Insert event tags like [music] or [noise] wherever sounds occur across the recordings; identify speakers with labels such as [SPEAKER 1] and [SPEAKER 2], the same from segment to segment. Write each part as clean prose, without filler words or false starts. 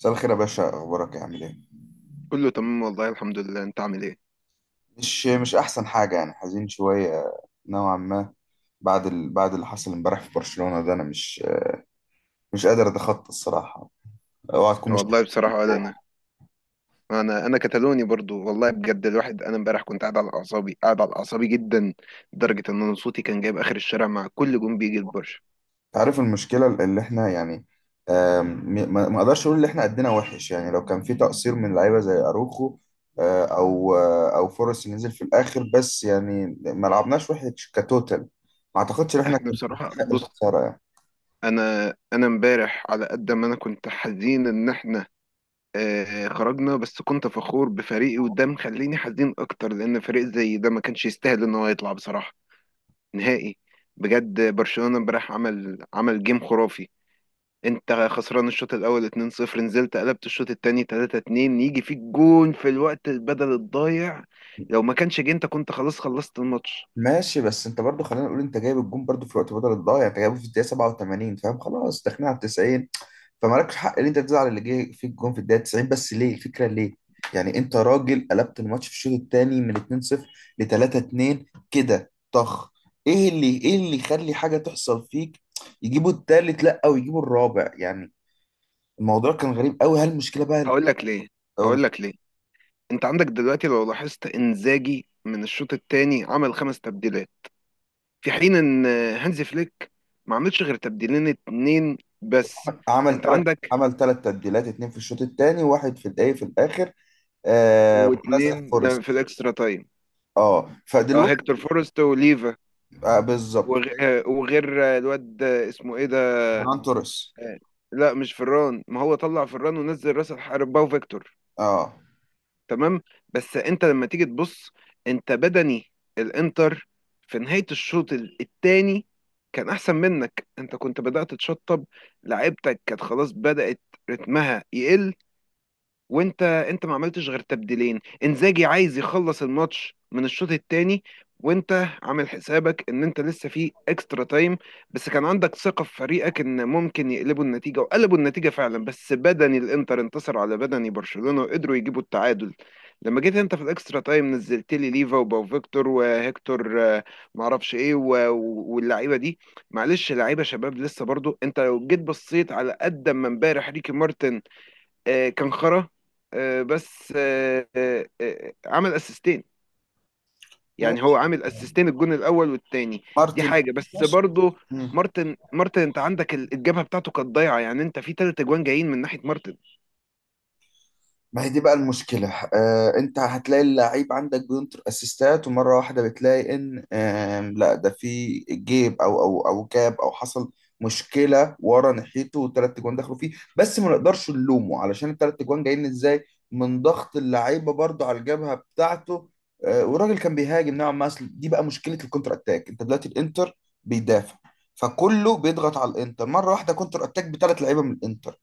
[SPEAKER 1] مساء الخير يا باشا، اخبارك إيه؟ عامل ايه؟
[SPEAKER 2] كله تمام، والله الحمد لله. انت عامل ايه؟
[SPEAKER 1] مش احسن حاجه، يعني حزين شويه، نوعا ما. بعد اللي حصل امبارح في برشلونه ده، انا مش قادر اتخطى الصراحه. اوعى تكون مش
[SPEAKER 2] والله
[SPEAKER 1] حاسس بيه.
[SPEAKER 2] بصراحه ولا انا. انا كتالوني برضو، والله بجد. الواحد انا امبارح كنت قاعد على اعصابي، قاعد على اعصابي جدا، لدرجه ان انا صوتي كان جايب اخر الشارع مع كل جون بيجي البرشا.
[SPEAKER 1] عارف المشكله اللي احنا، يعني آم، ما اقدرش اقول ان احنا قدنا وحش. يعني لو كان في تقصير من لعيبه زي اروخو، او فرص ينزل في الاخر، بس يعني ما لعبناش وحش كتوتال. ما اعتقدش ان احنا
[SPEAKER 2] احنا
[SPEAKER 1] كنا
[SPEAKER 2] بصراحه،
[SPEAKER 1] نستحق
[SPEAKER 2] بص،
[SPEAKER 1] الخساره يعني.
[SPEAKER 2] انا انا امبارح على قد ما انا كنت حزين ان احنا خرجنا، بس كنت فخور بفريقي، وده مخليني حزين اكتر لان فريق زي ده ما كانش يستاهل ان هو يطلع بصراحه نهائي. بجد برشلونه امبارح عمل جيم خرافي. انت خسران الشوط الاول 2-0، نزلت قلبت الشوط التاني 3-2، يجي فيك جون في الوقت البدل الضايع. لو ما كانش جه انت كنت خلاص خلصت الماتش.
[SPEAKER 1] ماشي، بس انت برضو خلينا نقول انت جايب الجون برضو في الوقت بدل الضايع، انت جايبه في الدقيقه 87، فاهم؟ خلاص داخلين على 90. فمالكش حق ان انت تزعل اللي جه فيك الجون في الدقيقه 90. بس ليه الفكره ليه؟ يعني انت راجل قلبت الماتش في الشوط الثاني من 2-0 ل 3-2، كده طخ. ايه اللي يخلي حاجه تحصل فيك، يجيبوا الثالث، لا ويجيبوا الرابع يعني؟ الموضوع كان غريب قوي. هل المشكله بقى،
[SPEAKER 2] هقول لك ليه.
[SPEAKER 1] أو،
[SPEAKER 2] هقول لك ليه، انت عندك دلوقتي لو لاحظت انزاجي من الشوط التاني عمل خمس تبديلات، في حين ان هانزي فليك ما عملش غير تبديلين اتنين بس.
[SPEAKER 1] عمل
[SPEAKER 2] انت
[SPEAKER 1] ثلاث
[SPEAKER 2] عندك
[SPEAKER 1] عمل ثلاث تبديلات، اتنين في الشوط الثاني وواحد في الايه، في الاخر. آه، نزل
[SPEAKER 2] واتنين، لا، في
[SPEAKER 1] فورست.
[SPEAKER 2] الاكسترا تايم.
[SPEAKER 1] اه،
[SPEAKER 2] اه، هيكتور
[SPEAKER 1] فدلوقتي
[SPEAKER 2] فورست وليفا
[SPEAKER 1] آه بالظبط،
[SPEAKER 2] وغير الواد اسمه ايه ده.
[SPEAKER 1] فران توريس.
[SPEAKER 2] آه، لا مش فران، ما هو طلع فران ونزل راس الحرب باو فيكتور.
[SPEAKER 1] اه،
[SPEAKER 2] تمام. بس انت لما تيجي تبص، انت بدني الانتر في نهاية الشوط الثاني كان احسن منك. انت كنت بدأت تشطب، لعيبتك كانت خلاص بدأت رتمها يقل. وانت ما عملتش غير تبديلين. انزاجي عايز يخلص الماتش من الشوط الثاني وانت عامل حسابك ان انت لسه في اكسترا تايم. بس كان عندك ثقة في فريقك ان ممكن يقلبوا النتيجة، وقلبوا النتيجة فعلا. بس بدني الانتر انتصر على بدني برشلونة وقدروا يجيبوا التعادل. لما جيت انت في الاكسترا تايم نزلت لي ليفا وباو فيكتور وهيكتور، معرفش ايه واللعيبه دي، معلش لعيبه شباب لسه. برضو انت لو جيت بصيت، على قد ما امبارح ريكي مارتن كان خرا، بس عمل اسيستين. يعني
[SPEAKER 1] ماشي.
[SPEAKER 2] هو عامل اسيستين الجون الاول والتاني. دي
[SPEAKER 1] مارتن.
[SPEAKER 2] حاجه. بس
[SPEAKER 1] ماشي،
[SPEAKER 2] برضه مارتن مارتن، انت عندك الجبهه بتاعته كانت ضايعه. يعني انت في تلات اجوان جايين من ناحيه مارتن.
[SPEAKER 1] ما هي دي بقى المشكلة. آه، انت هتلاقي اللعيب عندك بينطر اسيستات، ومرة واحدة بتلاقي ان آه، لا، ده في جيب، او او جاب، او حصل مشكلة ورا ناحيته، والتلات جوان دخلوا فيه. بس ما نقدرش نلومه علشان التلات جوان جايين ازاي، من ضغط اللعيبة برضو على الجبهة بتاعته. آه، والراجل كان بيهاجم نوعا ما، أصل دي بقى مشكلة الكونتر اتاك. انت دلوقتي الانتر بيدافع، فكله بيضغط على الانتر مرة واحدة، كونتر اتاك بثلاث لعيبة من الانتر.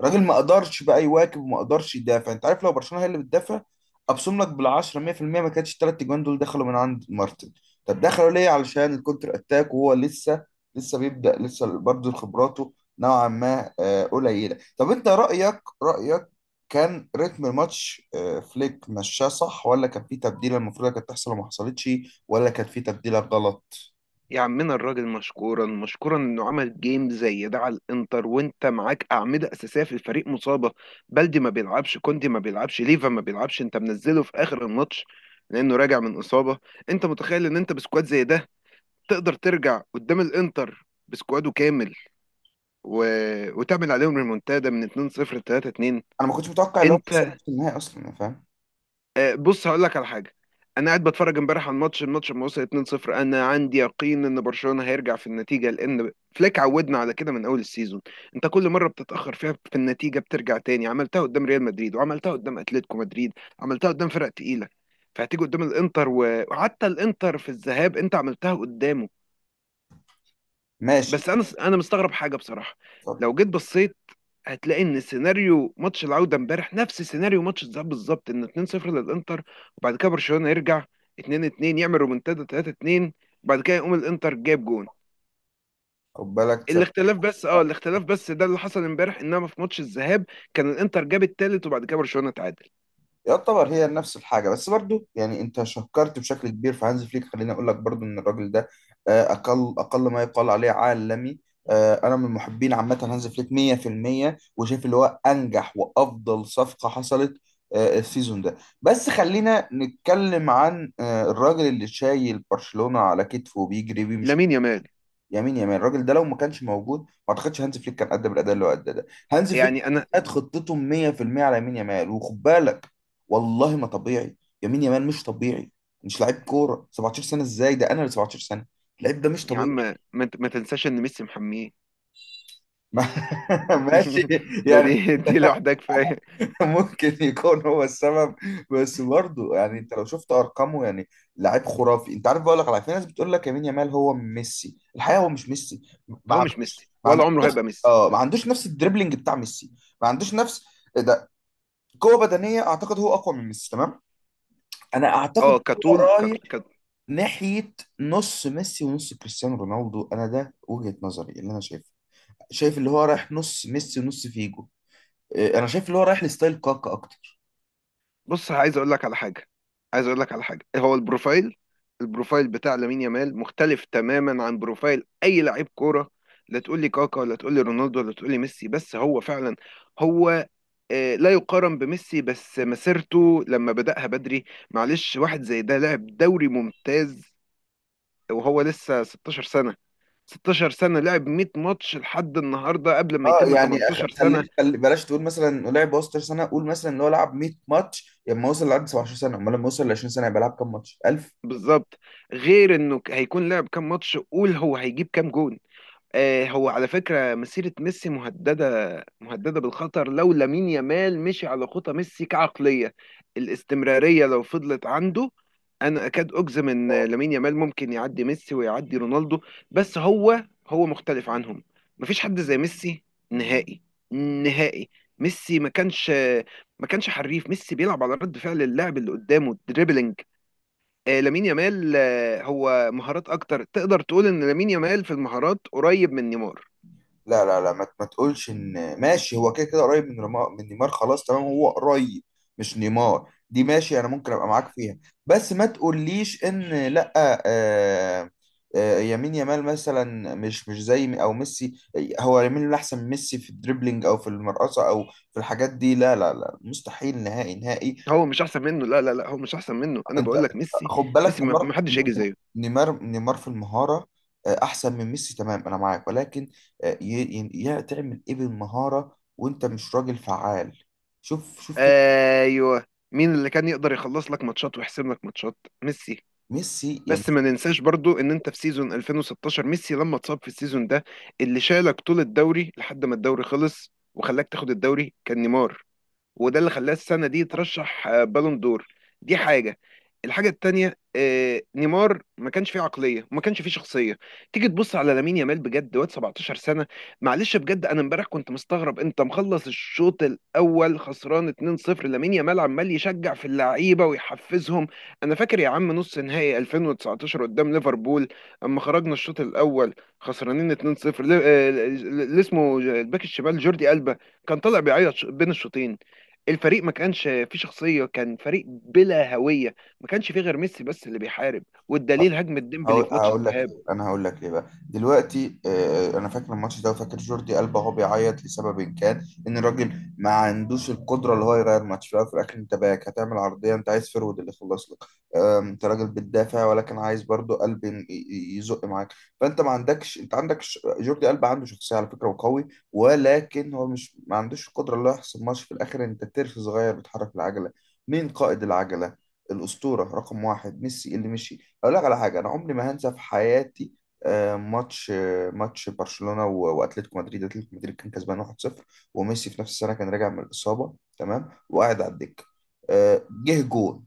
[SPEAKER 1] راجل ما قدرش بقى يواكب وما قدرش يدافع. انت عارف لو برشلونه هي اللي بتدافع، ابصم لك بالعشرة 100% ما كانتش الثلاث اجوان دول دخلوا من عند مارتن. طب دخلوا ليه؟ علشان الكونتر اتاك وهو لسه بيبدأ، لسه برضه خبراته نوعا ما قليله. طب انت رأيك، كان رتم الماتش، فليك مشاه صح ولا كان في تبديله المفروض كانت تحصل وما حصلتش، ولا كان في تبديله غلط؟
[SPEAKER 2] يا عمنا الراجل مشكورا مشكورا انه عمل جيم زي ده على الانتر، وانت معاك اعمده اساسيه في الفريق مصابه. بلدي ما بيلعبش، كوندي ما بيلعبش، ليفا ما بيلعبش، انت منزله في اخر الماتش لانه راجع من اصابه. انت متخيل ان انت بسكواد زي ده تقدر ترجع قدام الانتر بسكواده كامل و... وتعمل عليهم ريمونتادا من 2-0 ل 3-2؟
[SPEAKER 1] انا ما كنتش متوقع اللي هو حصل
[SPEAKER 2] انت
[SPEAKER 1] في النهائي اصلا. أنا فاهم.
[SPEAKER 2] بص هقول لك على حاجه. انا قاعد بتفرج امبارح على الماتش لما وصل 2-0 انا عندي يقين ان برشلونه هيرجع في النتيجه، لان فليك عودنا على كده من اول السيزون. انت كل مره بتتاخر فيها في النتيجه بترجع تاني. عملتها قدام ريال مدريد، وعملتها قدام اتلتيكو مدريد، عملتها قدام فرق تقيله، فهتيجي قدام الانتر وحتى الانتر في الذهاب انت عملتها قدامه.
[SPEAKER 1] ماشي.
[SPEAKER 2] بس انا مستغرب حاجه بصراحه.
[SPEAKER 1] اتفضل.
[SPEAKER 2] لو جيت بصيت هتلاقي ان سيناريو ماتش العوده امبارح نفس سيناريو ماتش الذهاب بالظبط، ان 2-0 للانتر وبعد كده برشلونه يرجع 2-2، يعمل رومنتادا 3-2، وبعد كده يقوم الانتر جاب جون.
[SPEAKER 1] خد بالك. تسلم.
[SPEAKER 2] الاختلاف بس ده اللي حصل امبارح، انما في ماتش الذهاب كان الانتر جاب التالت وبعد كده برشلونه تعادل.
[SPEAKER 1] يعتبر هي نفس الحاجة، بس برضو يعني انت شكرت بشكل كبير في هانز فليك. خليني اقول لك برضو ان الراجل ده اقل ما يقال عليه عالمي. انا من محبين عامة هانز فليك 100%، وشايف اللي هو انجح وافضل صفقة حصلت السيزون ده. بس خلينا نتكلم عن الراجل اللي شايل برشلونة على كتفه وبيجري بيه.
[SPEAKER 2] لامين يامال.
[SPEAKER 1] يمين الراجل ده، لو ما كانش موجود ما اعتقدش هانز فليك كان قدم الاداء اللي هو اداه ده. هانز فليك
[SPEAKER 2] يعني انا،
[SPEAKER 1] قد خطتهم 100% على يمين يمال. وخد بالك، والله ما طبيعي. يمين يمال مش طبيعي. مش لعيب كوره 17 سنه، ازاي ده؟ انا اللي 17 سنه. اللعيب ده مش
[SPEAKER 2] يا عم،
[SPEAKER 1] طبيعي.
[SPEAKER 2] ما تنساش ان ميسي محميه.
[SPEAKER 1] [laughs] ما- ماشي
[SPEAKER 2] [laughs] ده
[SPEAKER 1] يعني،
[SPEAKER 2] دي دي لوحدها كفايه.
[SPEAKER 1] ممكن يكون هو السبب، بس برضه يعني انت لو شفت ارقامه، يعني لعيب خرافي. انت عارف، بقول لك على في ناس بتقول لك يمين يمال هو ميسي، الحقيقه هو مش ميسي. ما
[SPEAKER 2] هو مش
[SPEAKER 1] عندوش
[SPEAKER 2] ميسي
[SPEAKER 1] ما
[SPEAKER 2] ولا
[SPEAKER 1] عندوش
[SPEAKER 2] عمره هيبقى ميسي.
[SPEAKER 1] اه، ما عندوش نفس الدريبلينج بتاع ميسي. ما عندوش نفس، إيه ده، قوه بدنيه. اعتقد هو اقوى من ميسي. تمام، انا اعتقد
[SPEAKER 2] اه
[SPEAKER 1] هو
[SPEAKER 2] كطول كت...
[SPEAKER 1] رايح
[SPEAKER 2] كت...
[SPEAKER 1] ناحيه نص ميسي ونص كريستيانو رونالدو. انا ده وجهه نظري اللي انا شايفه. شايف اللي هو رايح نص ميسي ونص فيجو. إيه، انا شايف اللي هو رايح لستايل كاكا اكتر.
[SPEAKER 2] بص، عايز اقول لك على حاجه هو البروفايل بتاع لامين يامال مختلف تماما عن بروفايل اي لعيب كوره. لا تقول لي كاكا، ولا تقول لي رونالدو، ولا تقول لي ميسي. بس هو فعلا، هو لا يقارن بميسي، بس مسيرته لما بدأها بدري. معلش، واحد زي ده لعب دوري ممتاز وهو لسه 16 سنه. 16 سنه لعب 100 ماتش لحد النهارده قبل ما
[SPEAKER 1] اه،
[SPEAKER 2] يتم
[SPEAKER 1] يعني
[SPEAKER 2] 18 سنه.
[SPEAKER 1] خليك، بلاش تقول مثلا لعب 16 سنه، قول مثلا اللي هو لعب 100 ماتش لما وصل لعب 17 سنه. امال لما وصل ل 20 سنه يبقى لعب كام ماتش، 1000؟
[SPEAKER 2] بالظبط، غير انه هيكون لعب كام ماتش، قول هو هيجيب كام جون. آه، هو على فكرة مسيرة ميسي مهددة، مهددة بالخطر لو لامين يامال مشي على خطى ميسي كعقلية. الاستمرارية لو فضلت عنده، انا اكاد اجزم ان لامين يامال ممكن يعدي ميسي ويعدي رونالدو. بس هو مختلف عنهم. مفيش حد زي ميسي نهائي نهائي. ميسي ما كانش حريف. ميسي بيلعب على رد فعل اللاعب اللي قدامه دريبلينج. لامين يامال هو مهارات اكتر. تقدر تقول ان لامين يامال في المهارات قريب من نيمار.
[SPEAKER 1] لا لا لا، ما تقولش ان ماشي، هو كده كده قريب من من نيمار. خلاص تمام، هو قريب. مش نيمار دي، ماشي، انا ممكن ابقى معاك فيها. بس ما تقوليش ان، لا، يمين يامال مثلا مش زي او ميسي. هو يمين يامال احسن من ميسي في الدريبلينج او في المرقصه او في الحاجات دي؟ لا لا لا، مستحيل، نهائي نهائي.
[SPEAKER 2] هو مش احسن منه، لا لا لا، هو مش احسن منه. انا
[SPEAKER 1] انت
[SPEAKER 2] بقول لك، ميسي،
[SPEAKER 1] خد بالك،
[SPEAKER 2] ميسي ما
[SPEAKER 1] نيمار
[SPEAKER 2] ما حدش هيجي زيه.
[SPEAKER 1] نيمار نيمار في المهاره احسن من ميسي، تمام انا معاك، ولكن يا تعمل ايه بالمهاره وانت مش راجل فعال؟ شوف شوف كده.
[SPEAKER 2] ايوه. مين اللي كان يقدر يخلص لك ماتشات ويحسم لك ماتشات؟ ميسي.
[SPEAKER 1] ميسي يعني.
[SPEAKER 2] بس ما ننساش برضو ان انت في سيزون 2016 ميسي لما اتصاب في السيزون ده، اللي شالك طول الدوري لحد ما الدوري خلص وخلاك تاخد الدوري كان نيمار، وده اللي خلاه السنه دي ترشح بالون دور. دي حاجه. الحاجه التانيه، نيمار ما كانش فيه عقليه وما كانش فيه شخصيه. تيجي تبص على لامين يامال بجد، واد 17 سنه. معلش، بجد انا امبارح كنت مستغرب انت مخلص الشوط الاول خسران 2-0، لامين يامال عمال يشجع في اللعيبه ويحفزهم. انا فاكر يا عم نص نهائي 2019 قدام ليفربول، اما خرجنا الشوط الاول خسرانين 2-0، اللي اسمه الباك الشمال جوردي ألبا كان طالع بيعيط بين الشوطين. الفريق ما كانش فيه شخصية، كان فريق بلا هوية. ما كانش فيه غير ميسي بس اللي بيحارب، والدليل هجمة ديمبلي
[SPEAKER 1] هقول
[SPEAKER 2] في ماتش
[SPEAKER 1] هقول لك
[SPEAKER 2] الذهاب.
[SPEAKER 1] ليه، انا هقول لك ليه بقى دلوقتي. انا فاكر الماتش ده، وفاكر جوردي ألبا هو بيعيط لسبب كان ان الراجل ما عندوش القدره اللي هو يغير ماتش في الأول وفي الاخر. انت باك، هتعمل عرضيه، انت عايز فرود اللي يخلص لك. انت راجل بتدافع ولكن عايز برضو قلب يزق معاك. فانت ما عندكش، انت عندك، جوردي ألبا عنده شخصيه على فكره وقوي، ولكن هو مش، ما عندوش القدره اللي هو يحسم ماتش في الاخر. انت ترس صغير بتحرك العجله. مين قائد العجله؟ الاسطوره رقم واحد ميسي، اللي مشي. اقول لك على حاجه انا عمري ما هنسى في حياتي. ماتش برشلونه و- واتلتيكو مدريد، اتلتيكو مدريد كان كسبان 1-0، وميسي في نفس السنه كان راجع من الاصابه، تمام، وقاعد على الدكه. جه جون،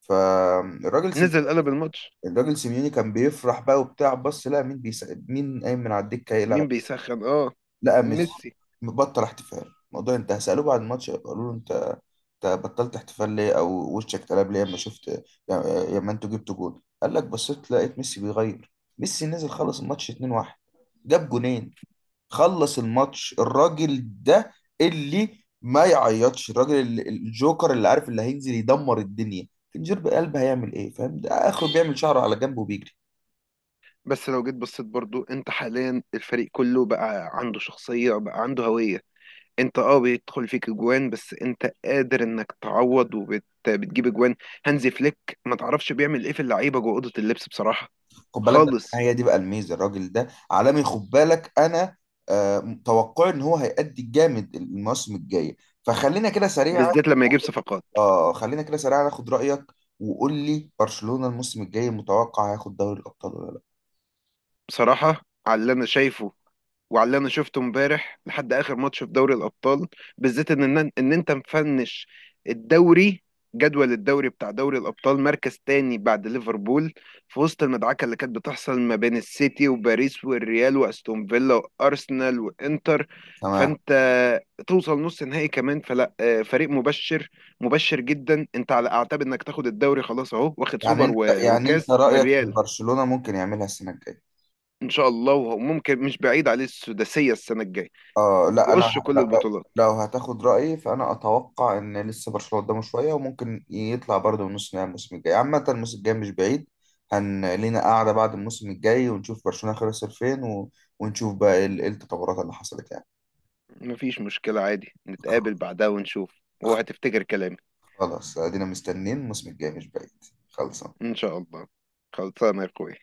[SPEAKER 1] فالراجل سيم...
[SPEAKER 2] نزل قلب الماتش.
[SPEAKER 1] الراجل سيميوني كان بيفرح بقى وبتاع. بص، لا، مين قايم من على الدكه يلعب؟
[SPEAKER 2] مين بيسخن؟ اه،
[SPEAKER 1] لا، ميسي!
[SPEAKER 2] ميسي.
[SPEAKER 1] مبطل احتفال. الموضوع انت هسأله بعد الماتش قالوا له انت، بطلت احتفال ليه؟ او وشك اتقلب ليه لما شفت، لما انتوا جبتوا جول، قال لك بصيت لقيت ميسي بيغير. ميسي نزل خلص الماتش 2-1، جاب جونين، خلص الماتش الراجل ده، اللي ما يعيطش، الراجل الجوكر، اللي عارف اللي هينزل يدمر الدنيا. فنجير بقلب هيعمل ايه؟ فاهم؟ ده اخره بيعمل شعره على جنبه وبيجري.
[SPEAKER 2] بس لو جيت بصيت برضو، انت حاليا الفريق كله بقى عنده شخصية، بقى عنده هوية. انت بيدخل فيك اجوان بس انت قادر انك تعوض وبتجيب اجوان. هانزي فليك، ما تعرفش بيعمل ايه في اللعيبة جوه أوضة اللبس بصراحة
[SPEAKER 1] خد بالك بقى،
[SPEAKER 2] خالص.
[SPEAKER 1] هي دي بقى الميزه، الراجل ده عالمي. خد بالك انا متوقع ان هو هيأدي الجامد الموسم الجاي. فخلينا كده سريعا،
[SPEAKER 2] بالذات لما يجيب
[SPEAKER 1] آخد-
[SPEAKER 2] صفقات.
[SPEAKER 1] اه خلينا كده سريعا، اخد رأيك، وقول لي برشلونة الموسم الجاي متوقع هياخد دوري الابطال ولا لا؟
[SPEAKER 2] بصراحة على اللي انا شايفه، وعلى اللي انا شفته امبارح لحد اخر ماتش في دوري الابطال، بالذات ان انت مفنش الدوري، جدول الدوري بتاع دوري الابطال مركز تاني بعد ليفربول، في وسط المدعكه اللي كانت بتحصل ما بين السيتي وباريس والريال واستون فيلا وارسنال وانتر.
[SPEAKER 1] تمام.
[SPEAKER 2] فانت توصل نص نهائي كمان، فلا، فريق مبشر، مبشر جدا. انت على اعتاب انك تاخد الدوري خلاص اهو، واخد
[SPEAKER 1] يعني
[SPEAKER 2] سوبر
[SPEAKER 1] انت،
[SPEAKER 2] وكاس من
[SPEAKER 1] رأيك ان
[SPEAKER 2] الريال.
[SPEAKER 1] برشلونة ممكن يعملها السنة الجاية؟
[SPEAKER 2] ان شاء الله، وممكن مش بعيد عليه السداسيه السنه الجايه.
[SPEAKER 1] آه، لا انا،
[SPEAKER 2] يقص كل
[SPEAKER 1] لا، لو
[SPEAKER 2] البطولات.
[SPEAKER 1] لو هتاخد رايي، فانا اتوقع ان لسه برشلونه قدامه شويه، وممكن يطلع برضه من نص نهائي الموسم الجاي. عامه الموسم الجاي مش بعيد. هن لينا قاعده بعد الموسم الجاي ونشوف برشلونه خلص فين، و... ونشوف بقى ايه إيه التطورات اللي حصلت يعني.
[SPEAKER 2] مفيش مشكلة، عادي
[SPEAKER 1] خ-
[SPEAKER 2] نتقابل بعدها ونشوف وهتفتكر كلامي.
[SPEAKER 1] خلاص، ادينا مستنيين الموسم الجاي مش بعيد. خلصان.
[SPEAKER 2] إن شاء الله. خلصانة يا أخوي.